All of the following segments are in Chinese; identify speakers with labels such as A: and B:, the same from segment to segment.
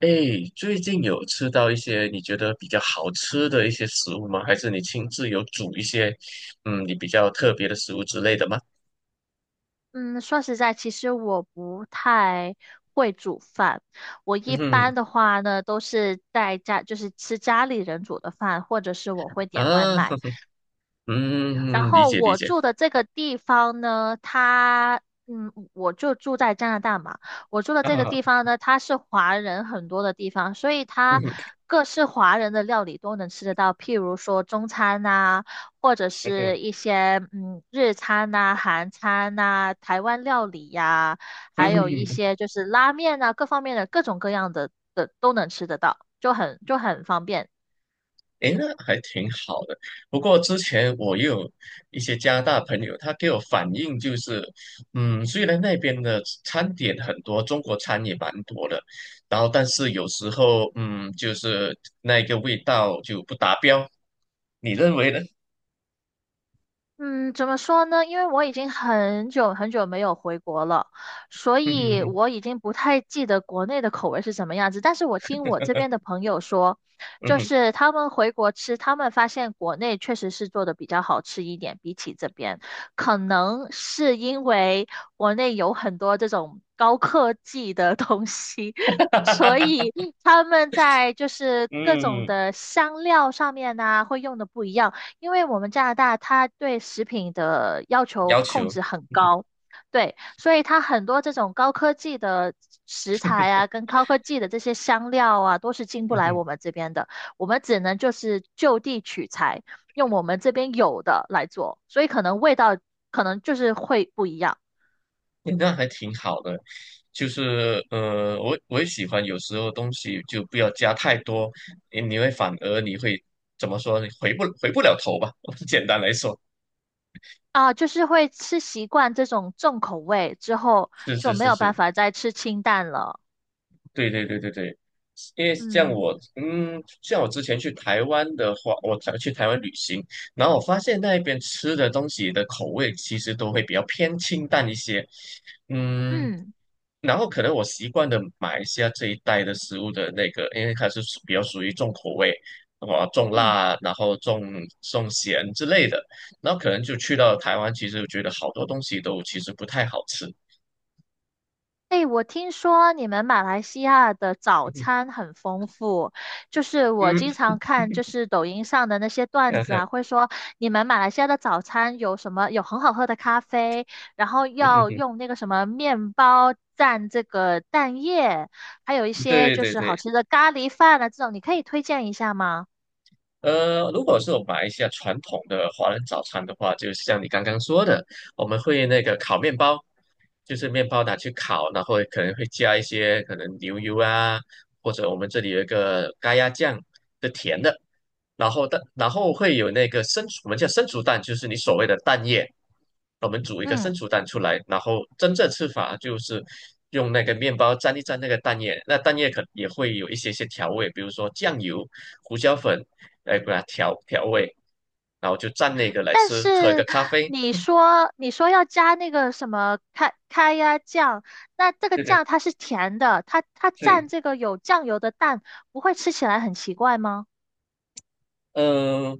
A: 哎，最近有吃到一些你觉得比较好吃的一些食物吗？还是你亲自有煮一些，你比较特别的食物之类的吗？
B: 嗯，说实在，其实我不太会煮饭。我
A: 嗯
B: 一
A: 哼。
B: 般的话呢，都是在家，就是吃家里人煮的饭，或者是我会点外
A: 啊。
B: 卖。然
A: 嗯，嗯嗯，理
B: 后
A: 解理
B: 我
A: 解。
B: 住的这个地方呢，它，我就住在加拿大嘛。我住的这个
A: 啊。
B: 地方呢，它是华人很多的地方，所以
A: 嗯
B: 它
A: 哼
B: 各式华人的料理都能吃得到，譬如说中餐呐、或者
A: 嗯
B: 是
A: 哼。
B: 一些日餐呐、韩餐呐、台湾料理呀、还有一
A: 嗯。
B: 些就是拉面呐、各方面的各种各样的都能吃得到，就很方便。
A: 诶，那还挺好的。不过之前我也有一些加拿大朋友，他给我反映就是，虽然那边的餐点很多，中国餐也蛮多的，然后但是有时候，就是那个味道就不达标。你认为呢？
B: 嗯，怎么说呢？因为我已经很久很久没有回国了，所
A: 嗯
B: 以
A: 哼
B: 我已经不太记得国内的口味是什么样子。但是我听我这边的朋友说，
A: 嗯
B: 就
A: 哼嗯哼。
B: 是他们回国吃，他们发现国内确实是做的比较好吃一点，比起这边，可能是因为国内有很多这种高科技的东西，所 以他们在就是各种
A: 嗯，
B: 的香料上面呢、会用的不一样。因为我们加拿大它对食品的要求
A: 要
B: 控
A: 求。
B: 制很 高，对，所以它很多这种高科技的食材啊，跟高科技的这些香料啊，都是进不来
A: 嗯。
B: 我们这边的，我们只能就是就地取材，用我们这边有的来做，所以可能味道可能会不一样
A: 诶，那还挺好的，就是我也喜欢有时候东西就不要加太多，你会反而你会怎么说你回不了头吧？简单来说，
B: 啊，就是会吃习惯这种重口味之后，
A: 是
B: 就
A: 是
B: 没
A: 是
B: 有
A: 是。
B: 办法再吃清淡了，
A: 对对对对对，因为像
B: 嗯
A: 我，之前去台湾的话，我才去台湾旅行，然后我发现那边吃的东西的口味其实都会比较偏清淡一些。嗯。
B: 嗯
A: 然后可能我习惯的马来西亚这一带的食物的那个，因为它是比较属于重口味。哇，重
B: 嗯。
A: 辣，然后重咸之类的，然后可能就去到台湾，其实我觉得好多东西都其实不太好吃。
B: 哎，我听说你们马来西亚的早 餐很丰富，就是我
A: 嗯。
B: 经
A: 嗯
B: 常看就是抖音上的那些段子
A: 哼。
B: 啊，会说你们马来西亚的早餐有什么，有很好喝的咖啡，然后要
A: 嗯。
B: 用那个什么面包蘸这个蛋液，还有一些
A: 对
B: 就
A: 对
B: 是
A: 对。
B: 好吃的咖喱饭啊，这种你可以推荐一下吗？
A: 如果是我们马来西亚传统的华人早餐的话，就像你刚刚说的，我们会那个烤面包，就是面包拿去烤，然后可能会加一些可能牛油啊，或者我们这里有一个咖椰酱的甜的，然后会有那个生熟，我们叫生熟蛋，就是你所谓的蛋液，我们煮一个
B: 嗯。
A: 生熟蛋出来，然后真正吃法就是用那个面包沾一沾那个蛋液，那蛋液可也会有一些些调味，比如说酱油、胡椒粉，来把它调味，然后就蘸那个来
B: 但
A: 吃，喝一个
B: 是
A: 咖啡。
B: 你说要加那个什么开开呀酱，那这个
A: 对对
B: 酱它是甜的，它
A: 对。
B: 蘸这个有酱油的蛋，不会吃起来很奇怪吗？
A: 嗯。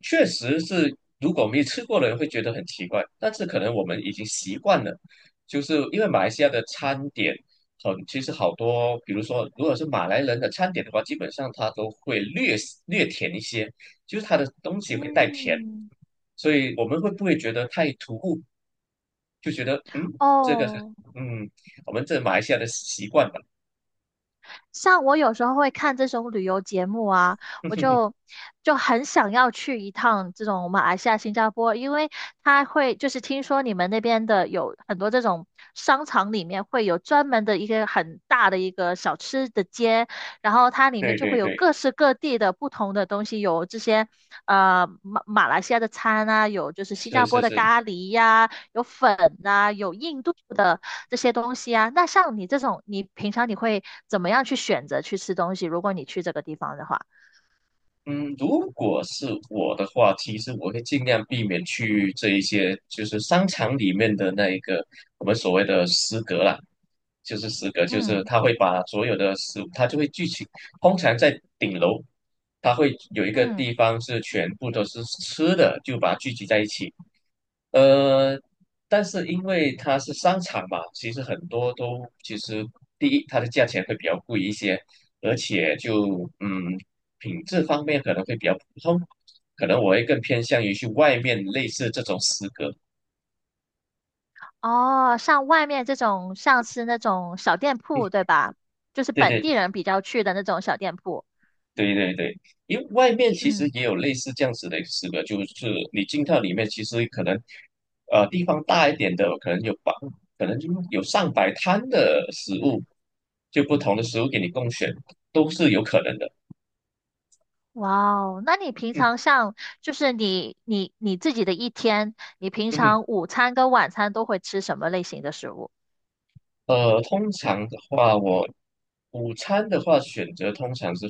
A: 确实是，如果没吃过的人会觉得很奇怪，但是可能我们已经习惯了，就是因为马来西亚的餐点很，其实好多，比如说如果是马来人的餐点的话，基本上它都会略略甜一些，就是它的东西会带甜，
B: 嗯，
A: 所以我们会不会觉得太突兀，就觉得这个
B: 哦。
A: 嗯，我们这马来西亚的习惯吧。
B: 像我有时候会看这种旅游节目啊，我 就就很想要去一趟这种马来西亚、新加坡，因为它会就是听说你们那边的有很多这种商场里面会有专门的一个很大的一个小吃的街，然后它里面
A: 对
B: 就
A: 对
B: 会有
A: 对，
B: 各式各地的不同的东西，有这些马来西亚的餐啊，有就是新
A: 是
B: 加
A: 是
B: 坡的
A: 是。
B: 咖喱呀、有粉呐、有印度的这些东西啊。那像你这种，你平常会怎么样去选择去吃东西？如果你去这个地方的话，
A: 嗯，如果是我的话，其实我会尽量避免去这一些，就是商场里面的那一个我们所谓的食阁啦，就是食阁，就是
B: 嗯
A: 他会把所有的食物，他就会聚集，通常在顶楼，他会有一个
B: 嗯，
A: 地方是全部都是吃的，就把它聚集在一起。呃，但是因为它是商场嘛，其实很多都其实第一，它的价钱会比较贵一些，而且就品质方面可能会比较普通，可能我会更偏向于去外面类似这种食阁。
B: 哦，像外面这种，像是那种小店铺，对吧？就是
A: 对
B: 本
A: 对
B: 地人比较去的那种小店铺。
A: 对对对，因为外面其实
B: 嗯，
A: 也有类似这样子的一个，就是你进到里面，其实可能地方大一点的，可能就有上百摊的食物，就不同的食物给你供选，都是有可能的。
B: 哇哦，那你平
A: 嗯
B: 常像就是你自己的一天，你平
A: 嗯。
B: 常午餐跟晚餐都会吃什么类型的食物？
A: 通常的话，我午餐的话选择通常是，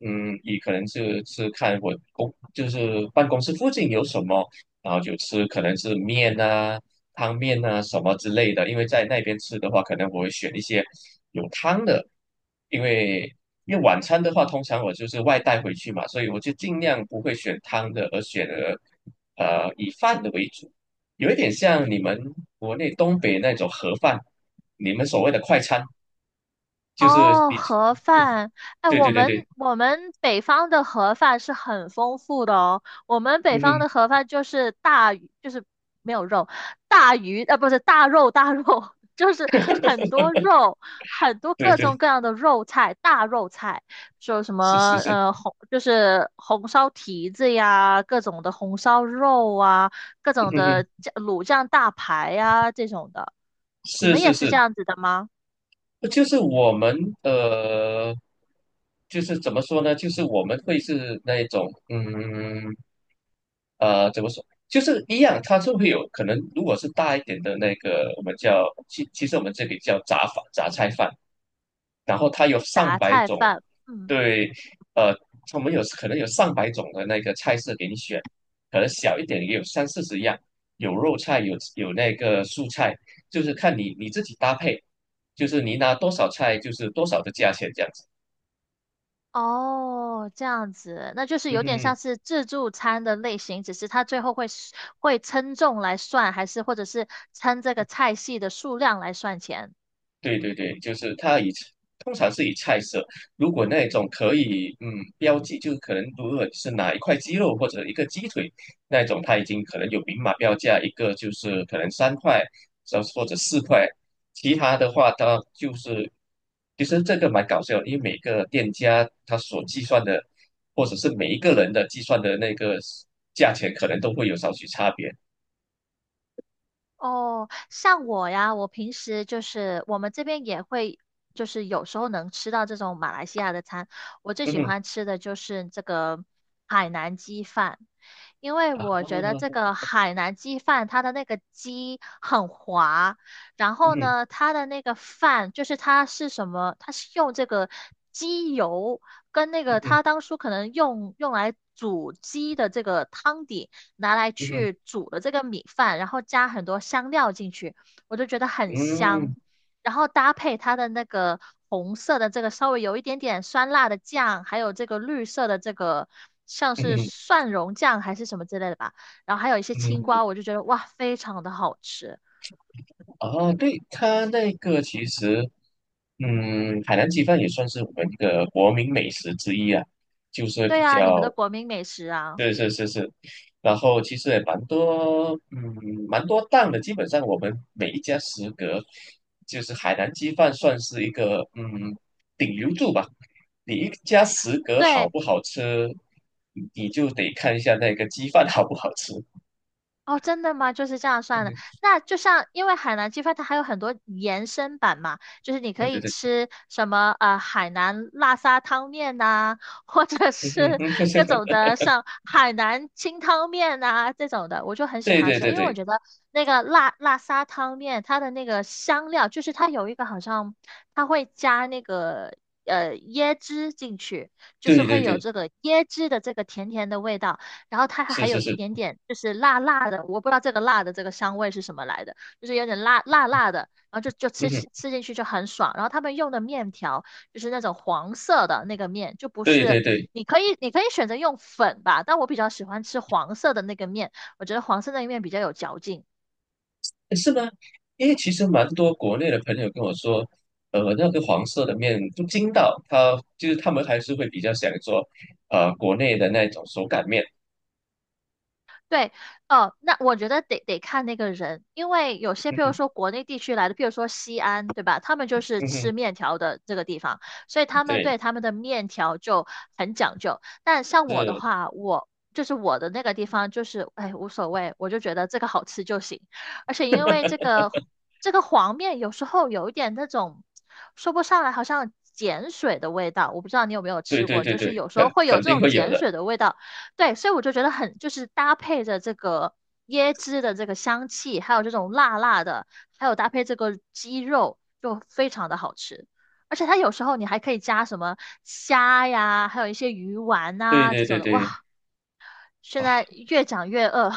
A: 以可能是看就是办公室附近有什么，然后就吃可能是面啊、汤面啊什么之类的。因为在那边吃的话，可能我会选一些有汤的，因为因为晚餐的话，通常我就是外带回去嘛，所以我就尽量不会选汤的，而选了以饭的为主，有一点像你们国内东北那种盒饭。你们所谓的快餐，就是
B: 哦，
A: 你就
B: 盒饭，哎，
A: 对
B: 我
A: 对对
B: 们
A: 对。
B: 我们北方的盒饭是很丰富的哦。我们北
A: 嗯
B: 方
A: 哼。
B: 的盒饭就是大鱼，就是没有肉，大鱼，不是大肉，大肉，就是很多肉，很多
A: 对
B: 各种
A: 对。
B: 各样的肉菜，大肉菜，说什么
A: 是是是。
B: 红，就是红烧蹄子呀，各种的红烧肉啊，各
A: 嗯
B: 种
A: 哼
B: 的
A: 哼。
B: 酱卤酱大排呀这种的。你
A: 是
B: 们
A: 是
B: 也是
A: 是。
B: 这样子的吗？
A: 就是我们呃，就是怎么说呢？就是我们会是那一种，怎么说？就是一样，它就会有可能，如果是大一点的那个，我们叫。其实我们这里叫杂菜饭，然后它有上
B: 杂
A: 百
B: 菜
A: 种。
B: 饭。嗯。
A: 对。呃，我们有可能有上百种的那个菜色给你选，可能小一点也有三四十样，有肉菜，有那个素菜，就是看你自己搭配，就是你拿多少菜就是多少的价钱这样子。
B: 哦，这样子，那就是
A: 嗯
B: 有
A: 哼
B: 点
A: 嗯
B: 像
A: 哼。
B: 是自助餐的类型，只是它最后会 会称重来算，还是或者是称这个菜系的数量来算钱。
A: 对对对，就是通常是以菜色，如果那种可以标记，就可能如果是哪一块鸡肉或者一个鸡腿那种，它已经可能有明码标价，一个就是可能三块，或者四块，其他的话它就是其实这个蛮搞笑的，因为每个店家他所计算的，或者是每一个人的计算的那个价钱，可能都会有少许差别。
B: 哦，像我呀，我平时就是我们这边也会，就是有时候能吃到这种马来西亚的餐。我最
A: 嗯
B: 喜
A: 哼。
B: 欢吃的就是这个海南鸡饭，因为
A: 啊。
B: 我觉得这
A: 嗯
B: 个海南鸡饭它的那个鸡很滑，然后
A: 哼
B: 呢，它的那个饭就是它是什么，它是用这个鸡油跟那
A: 嗯
B: 个
A: 哼
B: 它当初可能用来煮鸡的这个汤底。拿来
A: 嗯哼
B: 去煮了这个米饭，然后加很多香料进去，我就觉得
A: 嗯
B: 很香。
A: 哼
B: 然后搭配它的那个红色的这个稍微有一点点酸辣的酱，还有这个绿色的这个像
A: 嗯
B: 是
A: 哼
B: 蒜蓉酱还是什么之类的吧，然后还有一些
A: 嗯
B: 青
A: 哼。
B: 瓜，我就觉得哇，非常的好吃。
A: 哦，对，它那个其实，海南鸡饭也算是我们一个国民美食之一啊，就是
B: 对
A: 比
B: 啊，你们的
A: 较，
B: 国民美食啊。
A: 对，是是是。然后其实也蛮多，蛮多档的，基本上我们每一家食阁，就是海南鸡饭算是一个，顶流柱吧。你一家食阁好
B: 对，
A: 不好吃，你就得看一下那个鸡饭好不好吃。
B: 哦，真的吗？就是这样算的。
A: 对
B: 那就像，因为海南鸡饭它还有很多延伸版嘛，就是你可
A: 对对
B: 以
A: 对。 对。
B: 吃什么海南辣沙汤面呐、或者
A: 嗯嗯
B: 是 各种
A: 嗯。
B: 的像海南清汤面呐、这种的，我就很 喜
A: 对
B: 欢
A: 对
B: 吃，
A: 对
B: 因为我
A: 对
B: 觉得那个辣辣沙汤面它的那个香料，就是它有一个好像它会加那个椰汁进去，就是
A: 对对
B: 会有
A: 对，
B: 这个椰汁的这个甜甜的味道。然后它
A: 是
B: 还
A: 是
B: 有一
A: 是。
B: 点点就是辣辣的，我不知道这个辣的这个香味是什么来的，就是有点辣辣的，然后就
A: 嗯哼。
B: 吃进去就很爽。然后他们用的面条就是那种黄色的那个面，就不
A: 对对
B: 是
A: 对。诶，
B: 你可以选择用粉吧，但我比较喜欢吃黄色的那个面，我觉得黄色那个面比较有嚼劲。
A: 是吗？因为其实蛮多国内的朋友跟我说，那个黄色的面不筋道，他们还是会比较想做，国内的那种手擀面。
B: 对，哦，那我觉得得看那个人，因为有些，
A: 嗯
B: 譬如
A: 哼。
B: 说国内地区来的，譬如说西安，对吧？他们就是
A: 嗯
B: 吃
A: 哼。
B: 面条的这个地方，所以他们
A: 对。
B: 对他们的面条就很讲究。但像我的
A: 是。
B: 话，我就是我的那个地方，就是哎无所谓，我就觉得这个好吃就行。而且因为这个黄面有时候有一点那种说不上来，好像碱水的味道，我不知道你有没有
A: 对
B: 吃
A: 对
B: 过，
A: 对
B: 就是
A: 对，
B: 有时
A: 肯
B: 候会有
A: 肯
B: 这
A: 定
B: 种
A: 会有
B: 碱
A: 的。
B: 水的味道。对，所以我就觉得很，就是搭配着这个椰汁的这个香气，还有这种辣辣的，还有搭配这个鸡肉，就非常的好吃。而且它有时候你还可以加什么虾呀，还有一些鱼丸
A: 对
B: 啊
A: 对
B: 这
A: 对
B: 种的。
A: 对。
B: 哇，现
A: 啊。
B: 在越讲越饿，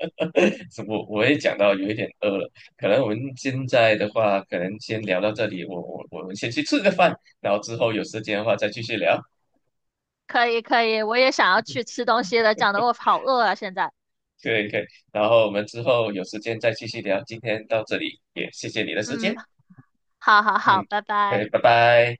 A: 是我也讲到有一点饿了，可能我们现在的话，可能先聊到这里，我们先去吃个饭，然后之后有时间的话再继续聊。
B: 可以可以，我也想要去吃东西了，讲得我好饿啊现在。
A: 可以可以。然后我们之后有时间再继续聊，今天到这里，也谢谢你的时
B: 嗯，
A: 间。
B: 好好好，
A: 嗯。
B: 拜
A: 哎，
B: 拜。
A: 拜拜。